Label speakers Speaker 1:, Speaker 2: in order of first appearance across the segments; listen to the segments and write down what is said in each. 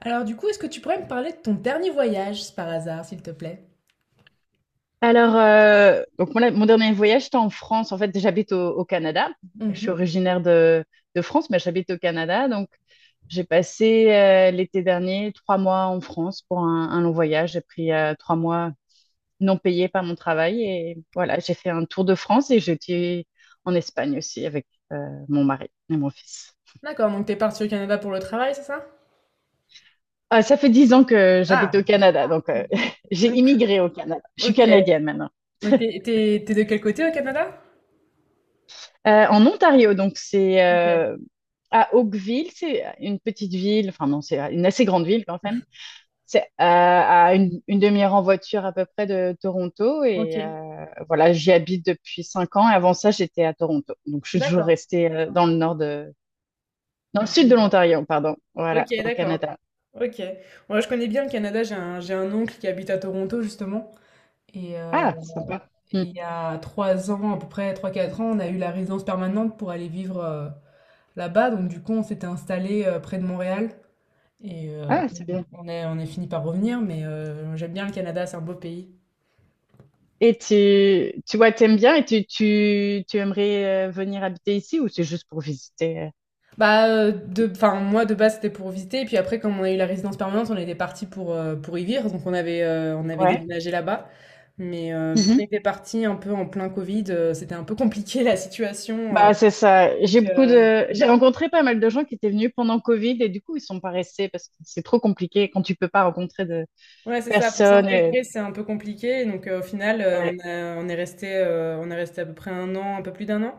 Speaker 1: Alors du coup, est-ce que tu pourrais me parler de ton dernier voyage, par hasard, s'il te plaît?
Speaker 2: Alors, donc mon dernier voyage, c'était en France. En fait, j'habite au Canada. Je suis
Speaker 1: Mhm.
Speaker 2: originaire de France, mais j'habite au Canada. Donc, j'ai passé l'été dernier 3 mois en France pour un long voyage. J'ai pris 3 mois non payés par mon travail. Et voilà, j'ai fait un tour de France et j'étais en Espagne aussi avec euh, mon mari et mon fils.
Speaker 1: D'accord, donc t'es parti au Canada pour le travail, c'est ça?
Speaker 2: Ah, ça fait 10 ans que j'habite au
Speaker 1: Ah,
Speaker 2: Canada. Donc, j'ai
Speaker 1: d'accord.
Speaker 2: immigré au Canada. Je suis
Speaker 1: Ok.
Speaker 2: canadienne maintenant.
Speaker 1: Donc t'es de quel côté au Canada?
Speaker 2: En Ontario, donc c'est
Speaker 1: Ok,
Speaker 2: à Oakville, c'est une petite ville, enfin non, c'est une assez grande ville quand même. C'est à une demi-heure en voiture à peu près de Toronto et
Speaker 1: ok,
Speaker 2: voilà, j'y habite depuis 5 ans. Et avant ça, j'étais à Toronto, donc je suis toujours
Speaker 1: d'accord.
Speaker 2: restée dans le
Speaker 1: Du
Speaker 2: sud de
Speaker 1: Canada.
Speaker 2: l'Ontario, pardon,
Speaker 1: Ok,
Speaker 2: voilà, au
Speaker 1: d'accord.
Speaker 2: Canada.
Speaker 1: Ok. Moi, je connais bien le Canada. J'ai un oncle qui habite à Toronto, justement. Et
Speaker 2: Ah, sympa. Hmm.
Speaker 1: il y a trois ans, à peu près trois quatre ans, on a eu la résidence permanente pour aller vivre là-bas. Donc, du coup, on s'était installé près de Montréal. Et
Speaker 2: Ah, c'est bien.
Speaker 1: on est fini par revenir, mais j'aime bien le Canada, c'est un beau pays.
Speaker 2: Et tu vois, t'aimes bien et tu aimerais venir habiter ici ou c'est juste pour visiter?
Speaker 1: Bah, de, enfin, moi de base c'était pour visiter, et puis après, comme on a eu la résidence permanente, on était parti pour y vivre, donc on avait
Speaker 2: Ouais.
Speaker 1: déménagé là-bas. Mais vu qu'on était parti un peu en plein Covid, c'était un peu compliqué la situation.
Speaker 2: Bah, c'est ça.
Speaker 1: Donc, euh,
Speaker 2: J'ai rencontré pas mal de gens qui étaient venus pendant Covid et du coup, ils sont pas restés parce que c'est trop compliqué quand tu peux pas rencontrer de
Speaker 1: ouais, c'est ça, pour
Speaker 2: personnes.
Speaker 1: s'intégrer, c'est un peu compliqué. Donc, au final,
Speaker 2: Ouais.
Speaker 1: on est resté à peu près un an, un peu plus d'un an,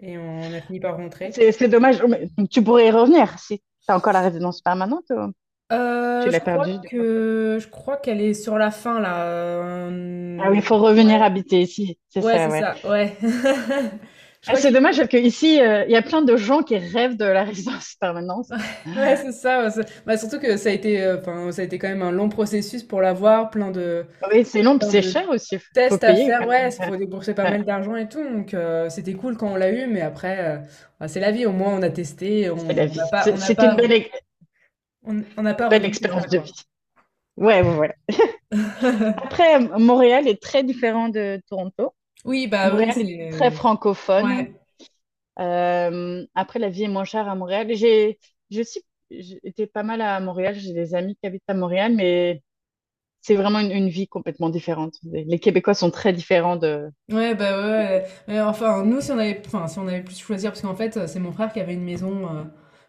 Speaker 1: et on a fini par rentrer.
Speaker 2: C'est dommage. Mais tu pourrais y revenir si t'as encore la résidence permanente ou tu l'as
Speaker 1: Je crois
Speaker 2: perdue du coup.
Speaker 1: que je crois qu'elle est sur la fin là.
Speaker 2: Ah oui, il faut
Speaker 1: Ouais,
Speaker 2: revenir habiter ici. C'est
Speaker 1: ouais,
Speaker 2: ça,
Speaker 1: c'est
Speaker 2: ouais.
Speaker 1: ça. Ouais. Je
Speaker 2: Ah,
Speaker 1: crois
Speaker 2: c'est
Speaker 1: qu'il
Speaker 2: dommage
Speaker 1: faut.
Speaker 2: parce que ici, il y a plein de gens qui rêvent de la résidence permanente.
Speaker 1: Ouais, c'est ça. Ouais, c'est- bah, surtout que ça a été, enfin, ça a été quand même un long processus pour l'avoir,
Speaker 2: Oui, c'est long, puis
Speaker 1: plein
Speaker 2: c'est
Speaker 1: de
Speaker 2: cher aussi. Faut
Speaker 1: tests à
Speaker 2: payer
Speaker 1: faire.
Speaker 2: quand
Speaker 1: Ouais,
Speaker 2: même.
Speaker 1: il faut débourser pas
Speaker 2: Ouais, ouais.
Speaker 1: mal d'argent et tout. Donc c'était cool quand on l'a eu, mais après, bah, c'est la vie. Au moins, on a testé,
Speaker 2: C'est la vie. C'est c'est une belle,
Speaker 1: on n'a pas
Speaker 2: belle
Speaker 1: regretté
Speaker 2: expérience
Speaker 1: ça,
Speaker 2: de
Speaker 1: quoi.
Speaker 2: vie. Ouais, ouais, ouais. Après, Montréal est très différent de Toronto.
Speaker 1: Oui, bah oui,
Speaker 2: Montréal est très
Speaker 1: c'est.
Speaker 2: francophone.
Speaker 1: Ouais.
Speaker 2: Après, la vie est moins chère à Montréal. J'ai aussi j'ai été pas mal à Montréal. J'ai des amis qui habitent à Montréal, mais c'est vraiment une vie complètement différente. Les Québécois sont très différents de...
Speaker 1: Ouais, bah ouais, ouais. Mais enfin, nous, si on avait, enfin, si on avait plus choisir, parce qu'en fait, c'est mon frère qui avait une maison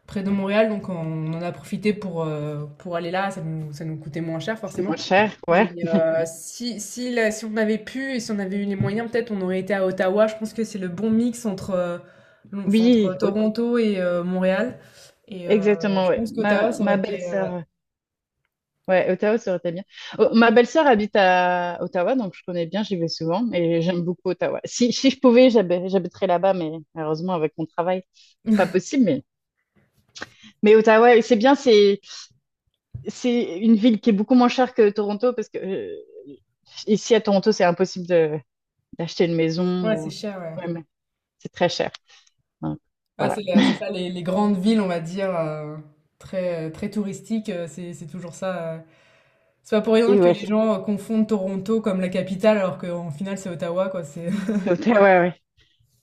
Speaker 1: près de Montréal, donc on en a profité pour aller là, ça nous coûtait moins cher,
Speaker 2: C'est moins
Speaker 1: forcément.
Speaker 2: cher,
Speaker 1: Mais
Speaker 2: ouais.
Speaker 1: si, si, la si on avait pu et si on avait eu les moyens, peut-être on aurait été à Ottawa. Je pense que c'est le bon mix entre, enfin, entre
Speaker 2: Oui,
Speaker 1: Toronto et Montréal. Et
Speaker 2: exactement,
Speaker 1: je
Speaker 2: ouais.
Speaker 1: pense qu'Ottawa,
Speaker 2: Ma,
Speaker 1: ça aurait
Speaker 2: ma
Speaker 1: été... ouais,
Speaker 2: belle-sœur. Ouais, Ottawa, ça aurait été bien. Oh, ma belle-sœur habite à Ottawa, donc je connais bien, j'y vais souvent et j'aime beaucoup Ottawa. Si je pouvais, j'habiterais là-bas, mais malheureusement, avec mon travail, pas possible. Mais Ottawa, oui, c'est bien, c'est une ville qui est beaucoup moins chère que Toronto parce que ici à Toronto, c'est impossible d'acheter une maison
Speaker 1: ouais, c'est
Speaker 2: ou
Speaker 1: cher,
Speaker 2: ouais,
Speaker 1: ouais.
Speaker 2: mais c'est très cher. Donc,
Speaker 1: Ah,
Speaker 2: voilà.
Speaker 1: c'est ça, les grandes villes, on va dire, très, très touristiques, c'est toujours ça. Euh, c'est pas pour rien
Speaker 2: Et
Speaker 1: que
Speaker 2: ouais,
Speaker 1: les
Speaker 2: c'est-
Speaker 1: gens confondent Toronto comme la capitale, alors qu'en final, c'est Ottawa, quoi. C'est...
Speaker 2: c'est Ottawa, ouais, ouais.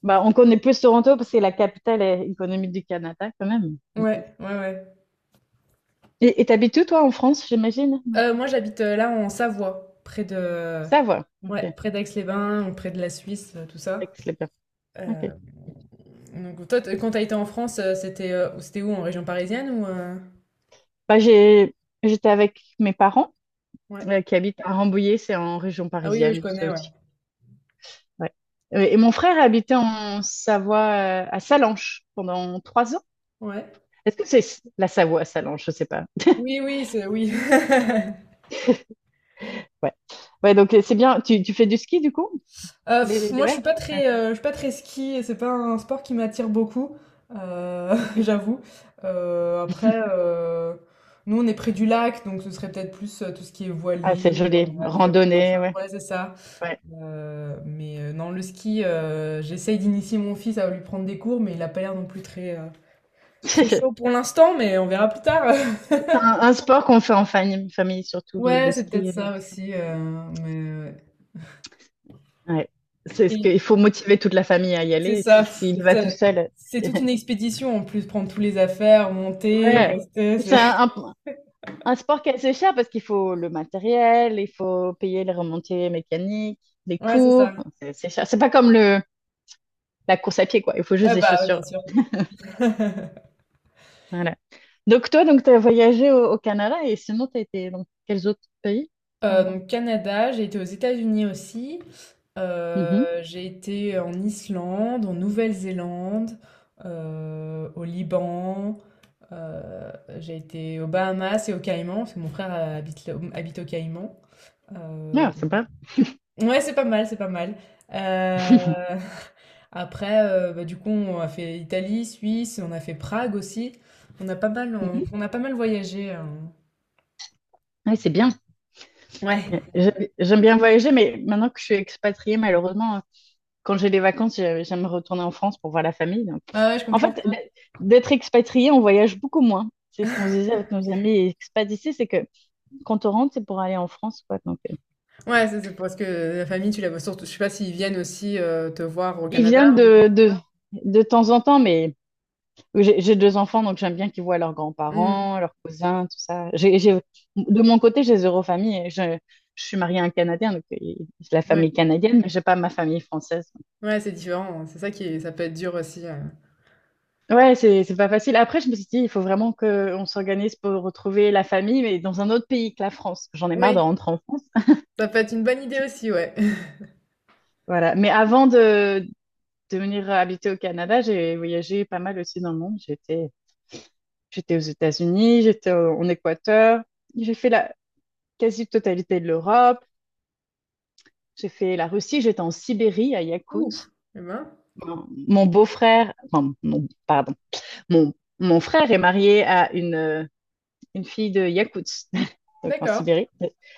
Speaker 2: Bah, on connaît plus Toronto parce que c'est la capitale économique du Canada quand même.
Speaker 1: Ouais, ouais, ouais.
Speaker 2: Et t'habites où, toi, en France, j'imagine?
Speaker 1: Moi, j'habite là en Savoie, près de...
Speaker 2: Ça va. OK.
Speaker 1: Ouais, près d'Aix-les-Bains, ou près de la Suisse, tout ça.
Speaker 2: Excellent.
Speaker 1: Euh,
Speaker 2: OK.
Speaker 1: donc, toi, t- quand t'as été en France, c'était où, en région parisienne ou...
Speaker 2: Bah, j'étais avec mes parents
Speaker 1: ouais.
Speaker 2: qui habitent à Rambouillet, c'est en région
Speaker 1: Ah oui, oui, je
Speaker 2: parisienne, ça
Speaker 1: connais, ouais.
Speaker 2: aussi. Ouais. Et mon frère habitait en Savoie, à Salanches, pendant 3 ans.
Speaker 1: Ouais.
Speaker 2: Est-ce que c'est la Savoie à Salanches? Je sais pas.
Speaker 1: Oui, oui, c'est... Oui.
Speaker 2: Ouais. Ouais, donc c'est bien. Tu fais du ski du coup? Les,
Speaker 1: Pff,
Speaker 2: les
Speaker 1: moi, je suis
Speaker 2: verts?
Speaker 1: pas
Speaker 2: Ouais.
Speaker 1: très, je suis pas très ski et c'est pas un sport qui m'attire beaucoup,
Speaker 2: Ok.
Speaker 1: j'avoue. Euh, après, euh, Nous, on est près du lac, donc ce serait peut-être plus tout ce qui est
Speaker 2: Ah, c'est
Speaker 1: voilier,
Speaker 2: joli.
Speaker 1: aviron, machin.
Speaker 2: Randonnée, ouais.
Speaker 1: Ouais, c'est ça.
Speaker 2: Ouais.
Speaker 1: Non, le ski, j'essaye d'initier mon fils à lui prendre des cours, mais il a pas l'air non plus très, très chaud pour l'instant, mais on verra plus tard.
Speaker 2: C'est un sport qu'on fait en famille, surtout le,
Speaker 1: Ouais,
Speaker 2: le
Speaker 1: c'est
Speaker 2: ski,
Speaker 1: peut-être
Speaker 2: j'ai
Speaker 1: ça
Speaker 2: l'impression.
Speaker 1: aussi. Euh, mais...
Speaker 2: Ouais. C'est ce que,
Speaker 1: euh,
Speaker 2: il faut motiver toute la famille à y
Speaker 1: c'est
Speaker 2: aller.
Speaker 1: ça.
Speaker 2: Si,
Speaker 1: Pff,
Speaker 2: S'il va tout
Speaker 1: C'est
Speaker 2: seul.
Speaker 1: c'est toute une expédition en plus, prendre tous les affaires, monter,
Speaker 2: Ouais.
Speaker 1: rester.
Speaker 2: C'est
Speaker 1: C'est...
Speaker 2: un sport qui est assez cher parce qu'il faut le matériel, il faut payer les remontées mécaniques, les
Speaker 1: Ouais, c'est ça.
Speaker 2: cours. C'est cher. C'est pas comme la course à pied, quoi. Il faut juste
Speaker 1: Ouais,
Speaker 2: des
Speaker 1: bah, ouais,
Speaker 2: chaussures.
Speaker 1: bien sûr.
Speaker 2: Voilà. Donc, toi, donc, tu as voyagé au Canada et sinon, tu as été dans quels autres pays?
Speaker 1: Donc, Canada, j'ai été aux États-Unis aussi.
Speaker 2: Mhm.
Speaker 1: J'ai été en Islande, en Nouvelle-Zélande, au Liban. euh, j'ai été aux Bahamas et aux Caïmans, parce que mon frère habite aux Caïmans.
Speaker 2: Ouais, sympa.
Speaker 1: Ouais, c'est pas mal, c'est pas mal. Heu, après, bah, du coup, on a fait Italie, Suisse, on a fait Prague aussi. On a pas mal, on
Speaker 2: Mhm.
Speaker 1: on a pas mal voyagé,
Speaker 2: Ouais, c'est bien.
Speaker 1: ouais.
Speaker 2: Ouais. J'aime bien voyager, mais maintenant que je suis expatriée, malheureusement, quand j'ai les vacances, j'aime retourner en France pour voir la famille. Donc.
Speaker 1: Ouais, ouais, je
Speaker 2: En
Speaker 1: comprends.
Speaker 2: fait, d'être expatrié, on voyage beaucoup moins. C'est ce qu'on se disait avec nos amis expats ici, c'est que quand on rentre, c'est pour aller en France, quoi. Donc,
Speaker 1: Ouais, c'est parce que la famille, tu la vois surtout je sais pas s'ils viennent aussi, te voir au
Speaker 2: ils
Speaker 1: Canada,
Speaker 2: viennent
Speaker 1: mais
Speaker 2: de temps en temps, mais j'ai 2 enfants, donc j'aime bien qu'ils voient leurs
Speaker 1: mmh,
Speaker 2: grands-parents, leurs cousins, tout ça. De mon côté, j'ai zéro famille. Je suis mariée à un Canadien, donc j'ai la
Speaker 1: ouais.
Speaker 2: famille canadienne, mais j'ai pas ma famille française.
Speaker 1: Ouais, c'est différent, hein. C'est ça qui est ça peut être dur aussi,
Speaker 2: Ouais, c'est pas facile. Après, je me suis dit, il faut vraiment qu'on s'organise pour retrouver la famille, mais dans un autre pays que la France. J'en ai marre de
Speaker 1: oui,
Speaker 2: rentrer en France.
Speaker 1: ça peut être une bonne idée aussi, ouais.
Speaker 2: Voilà. Mais avant de venir habiter au Canada, j'ai voyagé pas mal aussi dans le monde. J'étais aux États-Unis, j'étais en Équateur, j'ai fait la quasi-totalité de l'Europe, j'ai fait la Russie, j'étais en Sibérie, à
Speaker 1: Ouf!
Speaker 2: Yakoutsk.
Speaker 1: Et ben,
Speaker 2: Mon beau-frère, enfin, pardon, mon, mon frère est marié à une fille de Yakoutsk, donc en
Speaker 1: d'accord.
Speaker 2: Sibérie.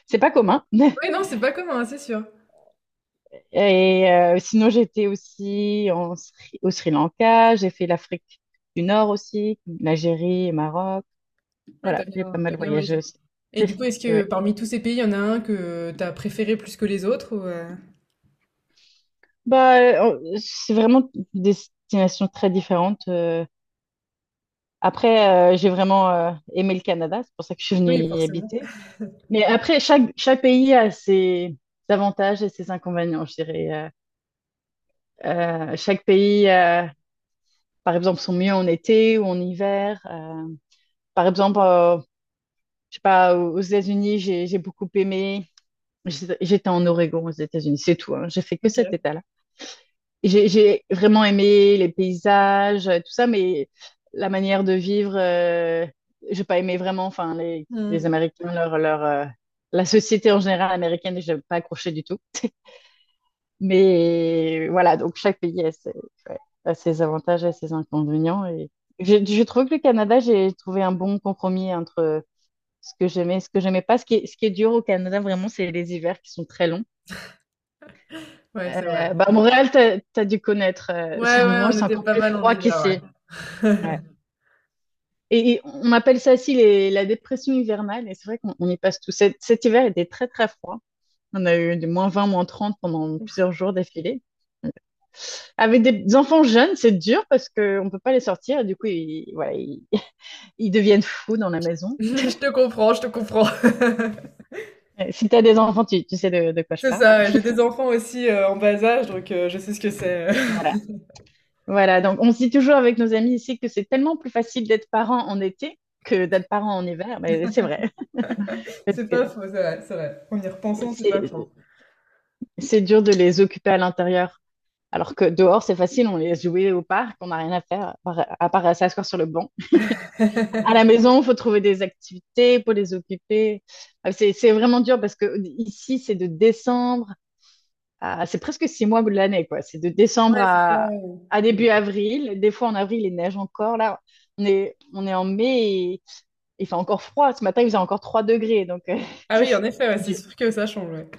Speaker 2: C'est pas commun.
Speaker 1: Oui, non, c'est pas commun, hein, c'est sûr.
Speaker 2: Et sinon, j'étais aussi au Sri Lanka, j'ai fait l'Afrique du Nord aussi, l'Algérie et Maroc.
Speaker 1: Ouais,
Speaker 2: Voilà, j'ai pas
Speaker 1: t'as
Speaker 2: mal
Speaker 1: bien
Speaker 2: voyagé
Speaker 1: voyagé.
Speaker 2: aussi.
Speaker 1: Et du coup, est-ce que
Speaker 2: Ouais.
Speaker 1: parmi tous ces pays, il y en a un que t'as préféré plus que les autres ou, heu?
Speaker 2: Bah, c'est vraiment des destinations très différentes. Après, j'ai vraiment aimé le Canada, c'est pour ça que je suis venue
Speaker 1: Oui,
Speaker 2: y
Speaker 1: forcément.
Speaker 2: habiter. Mais après, chaque pays a ses avantages et ses inconvénients, je dirais. Euh, Chaque pays par exemple, sont mieux en été ou en hiver. Par exemple, je sais pas, aux États-Unis, j'ai beaucoup aimé. J'étais en Oregon aux États-Unis, c'est tout, hein. J'ai fait que cet
Speaker 1: OK.
Speaker 2: état-là. Et j'ai vraiment aimé les paysages, tout ça, mais la manière de vivre, j'ai pas aimé vraiment. Enfin, les,
Speaker 1: Mmh.
Speaker 2: les Américains, la société en général américaine, j'ai pas accroché du tout. Mais voilà, donc chaque pays a ouais, ses avantages et ses inconvénients. Et je trouve que le Canada, j'ai trouvé un bon compromis entre ce que j'aimais et ce que j'aimais pas. Ce qui est dur au Canada, vraiment, c'est les hivers qui sont très longs.
Speaker 1: Ouais, c'est vrai.
Speaker 2: Bah, à Montréal, t'as dû connaître.
Speaker 1: Ouais,
Speaker 2: À
Speaker 1: ouais,
Speaker 2: Montréal,
Speaker 1: on
Speaker 2: c'est
Speaker 1: était
Speaker 2: encore
Speaker 1: pas
Speaker 2: plus
Speaker 1: mal en
Speaker 2: froid
Speaker 1: hiver,
Speaker 2: qu'ici.
Speaker 1: ouais.
Speaker 2: Ouais. Et on appelle ça aussi la dépression hivernale. Et c'est vrai qu'on y passe tout. Cet hiver était très, très froid. On a eu du -20, -30 pendant plusieurs jours d'affilée. Avec des enfants jeunes, c'est dur parce qu'on ne peut pas les sortir. Et du coup, voilà, ils deviennent fous dans la maison.
Speaker 1: Je te comprends.
Speaker 2: Si tu as des enfants, tu sais de quoi je
Speaker 1: C'est
Speaker 2: parle.
Speaker 1: ça, ouais, j'ai des enfants aussi, en bas âge, donc je sais ce que c'est.
Speaker 2: Voilà. Voilà. Donc, on se dit toujours avec nos amis ici que c'est tellement plus facile d'être parent en été que d'être parent en hiver. Mais c'est vrai. Parce
Speaker 1: C'est
Speaker 2: que
Speaker 1: pas faux, c'est vrai, c'est vrai. En y repensant, c'est pas
Speaker 2: c'est,
Speaker 1: faux.
Speaker 2: c'est dur de les occuper à l'intérieur. Alors que dehors, c'est facile. On les joue au parc. On n'a rien à faire à part s'asseoir sur le banc. À la maison, il faut trouver des activités pour les occuper. C'est vraiment dur parce que ici, c'est presque 6 mois de l'année, quoi. C'est de décembre
Speaker 1: Ouais, c'est ça, ouais.
Speaker 2: à
Speaker 1: Mmh.
Speaker 2: début avril. Des fois, en avril, il neige encore. Là, on est en mai et il fait encore froid. Ce matin, il faisait encore 3 degrés. Donc,
Speaker 1: Ah
Speaker 2: c'est
Speaker 1: oui,
Speaker 2: c'est
Speaker 1: en effet, ouais, c'est
Speaker 2: dur.
Speaker 1: sûr que ça change, ouais.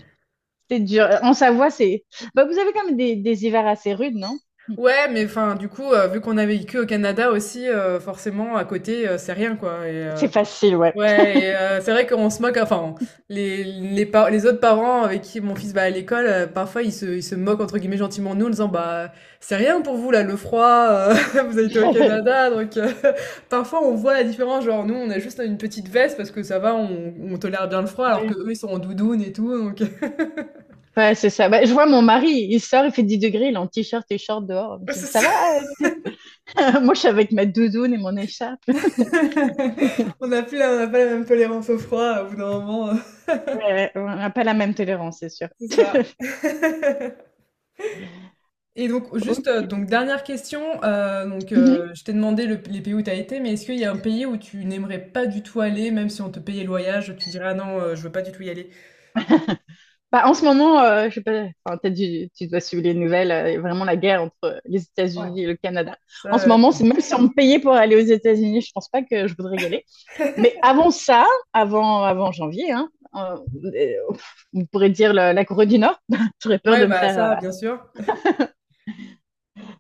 Speaker 2: C'est dur. En Savoie, c'est. Bah, vous avez quand même des hivers assez rudes, non?
Speaker 1: Ouais, mais enfin, du coup, vu qu'on a vécu au Canada aussi, forcément à côté, c'est rien, quoi et
Speaker 2: C'est facile, ouais.
Speaker 1: ouais et c'est vrai qu'on se moque, enfin, les par les autres parents avec qui mon fils va à l'école, parfois ils se «moquent» entre guillemets gentiment de nous en disant: «Bah, c'est rien pour vous là, le froid, vous habitez au Canada donc parfois on voit la différence, genre nous on a juste une petite veste parce que ça va, on tolère bien le froid alors que eux ils sont en doudoune et tout donc
Speaker 2: Ouais, c'est ça. Bah, je vois mon mari, il sort, il fait 10 degrés, il est en t-shirt et short dehors. Je me dis, mais
Speaker 1: c'est
Speaker 2: ça
Speaker 1: ça.
Speaker 2: va? Moi, je suis avec ma doudoune et mon écharpe.
Speaker 1: On n'a pas la même tolérance au froid au bout d'un moment,
Speaker 2: Ouais, on n'a pas la même tolérance, c'est sûr.
Speaker 1: c'est ça. Et donc, juste,
Speaker 2: Ok.
Speaker 1: donc dernière question.
Speaker 2: Mhm.
Speaker 1: Je t'ai demandé les pays où tu as été, mais est-ce qu'il y a un pays où tu n'aimerais pas du tout aller, même si on te payait le voyage, tu dirais, ah non, je veux pas du tout y aller.
Speaker 2: Bah, en ce moment, je sais pas, enfin, tu dois suivre les nouvelles, il y a vraiment la guerre entre les
Speaker 1: Ouais.
Speaker 2: États-Unis et le Canada.
Speaker 1: Ça,
Speaker 2: En ce moment, c'est même si on me payait pour aller aux États-Unis, je pense pas que je voudrais y aller. Mais avant ça, avant janvier, hein, euh, euh, on pourrait dire la Corée du Nord, j'aurais peur
Speaker 1: ouais,
Speaker 2: de me
Speaker 1: bah
Speaker 2: faire
Speaker 1: ça, bien sûr.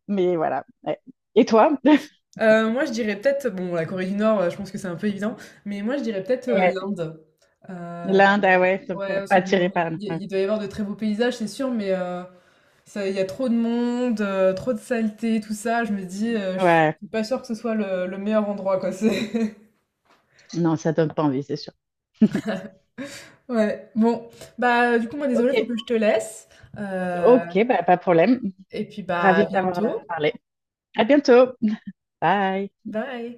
Speaker 2: Mais voilà. Ouais. Et toi?
Speaker 1: Moi, je dirais peut-être, bon, la Corée du Nord, je pense que c'est un peu évident, mais moi, je dirais peut-être
Speaker 2: Ouais.
Speaker 1: l'Inde. Euh,
Speaker 2: L'Inde, ah ouais, ça me
Speaker 1: ouais,
Speaker 2: fait
Speaker 1: parce
Speaker 2: pas
Speaker 1: que bon,
Speaker 2: attiré par l'Inde.
Speaker 1: il doit y avoir de très beaux paysages, c'est sûr, mais ça, il y a trop de monde, trop de saleté, tout ça. Je me dis, je suis
Speaker 2: Ouais.
Speaker 1: pas sûre que ce soit le meilleur endroit, quoi. C'est...
Speaker 2: Non, ça donne pas envie, c'est sûr.
Speaker 1: Ouais, bon, bah, du coup, moi,
Speaker 2: Ok.
Speaker 1: désolée, faut que je te laisse, heu
Speaker 2: Ok, bah, pas de problème.
Speaker 1: et puis, bah,
Speaker 2: Ravie
Speaker 1: à
Speaker 2: de t'avoir
Speaker 1: bientôt.
Speaker 2: parlé. À bientôt. Bye.
Speaker 1: Bye.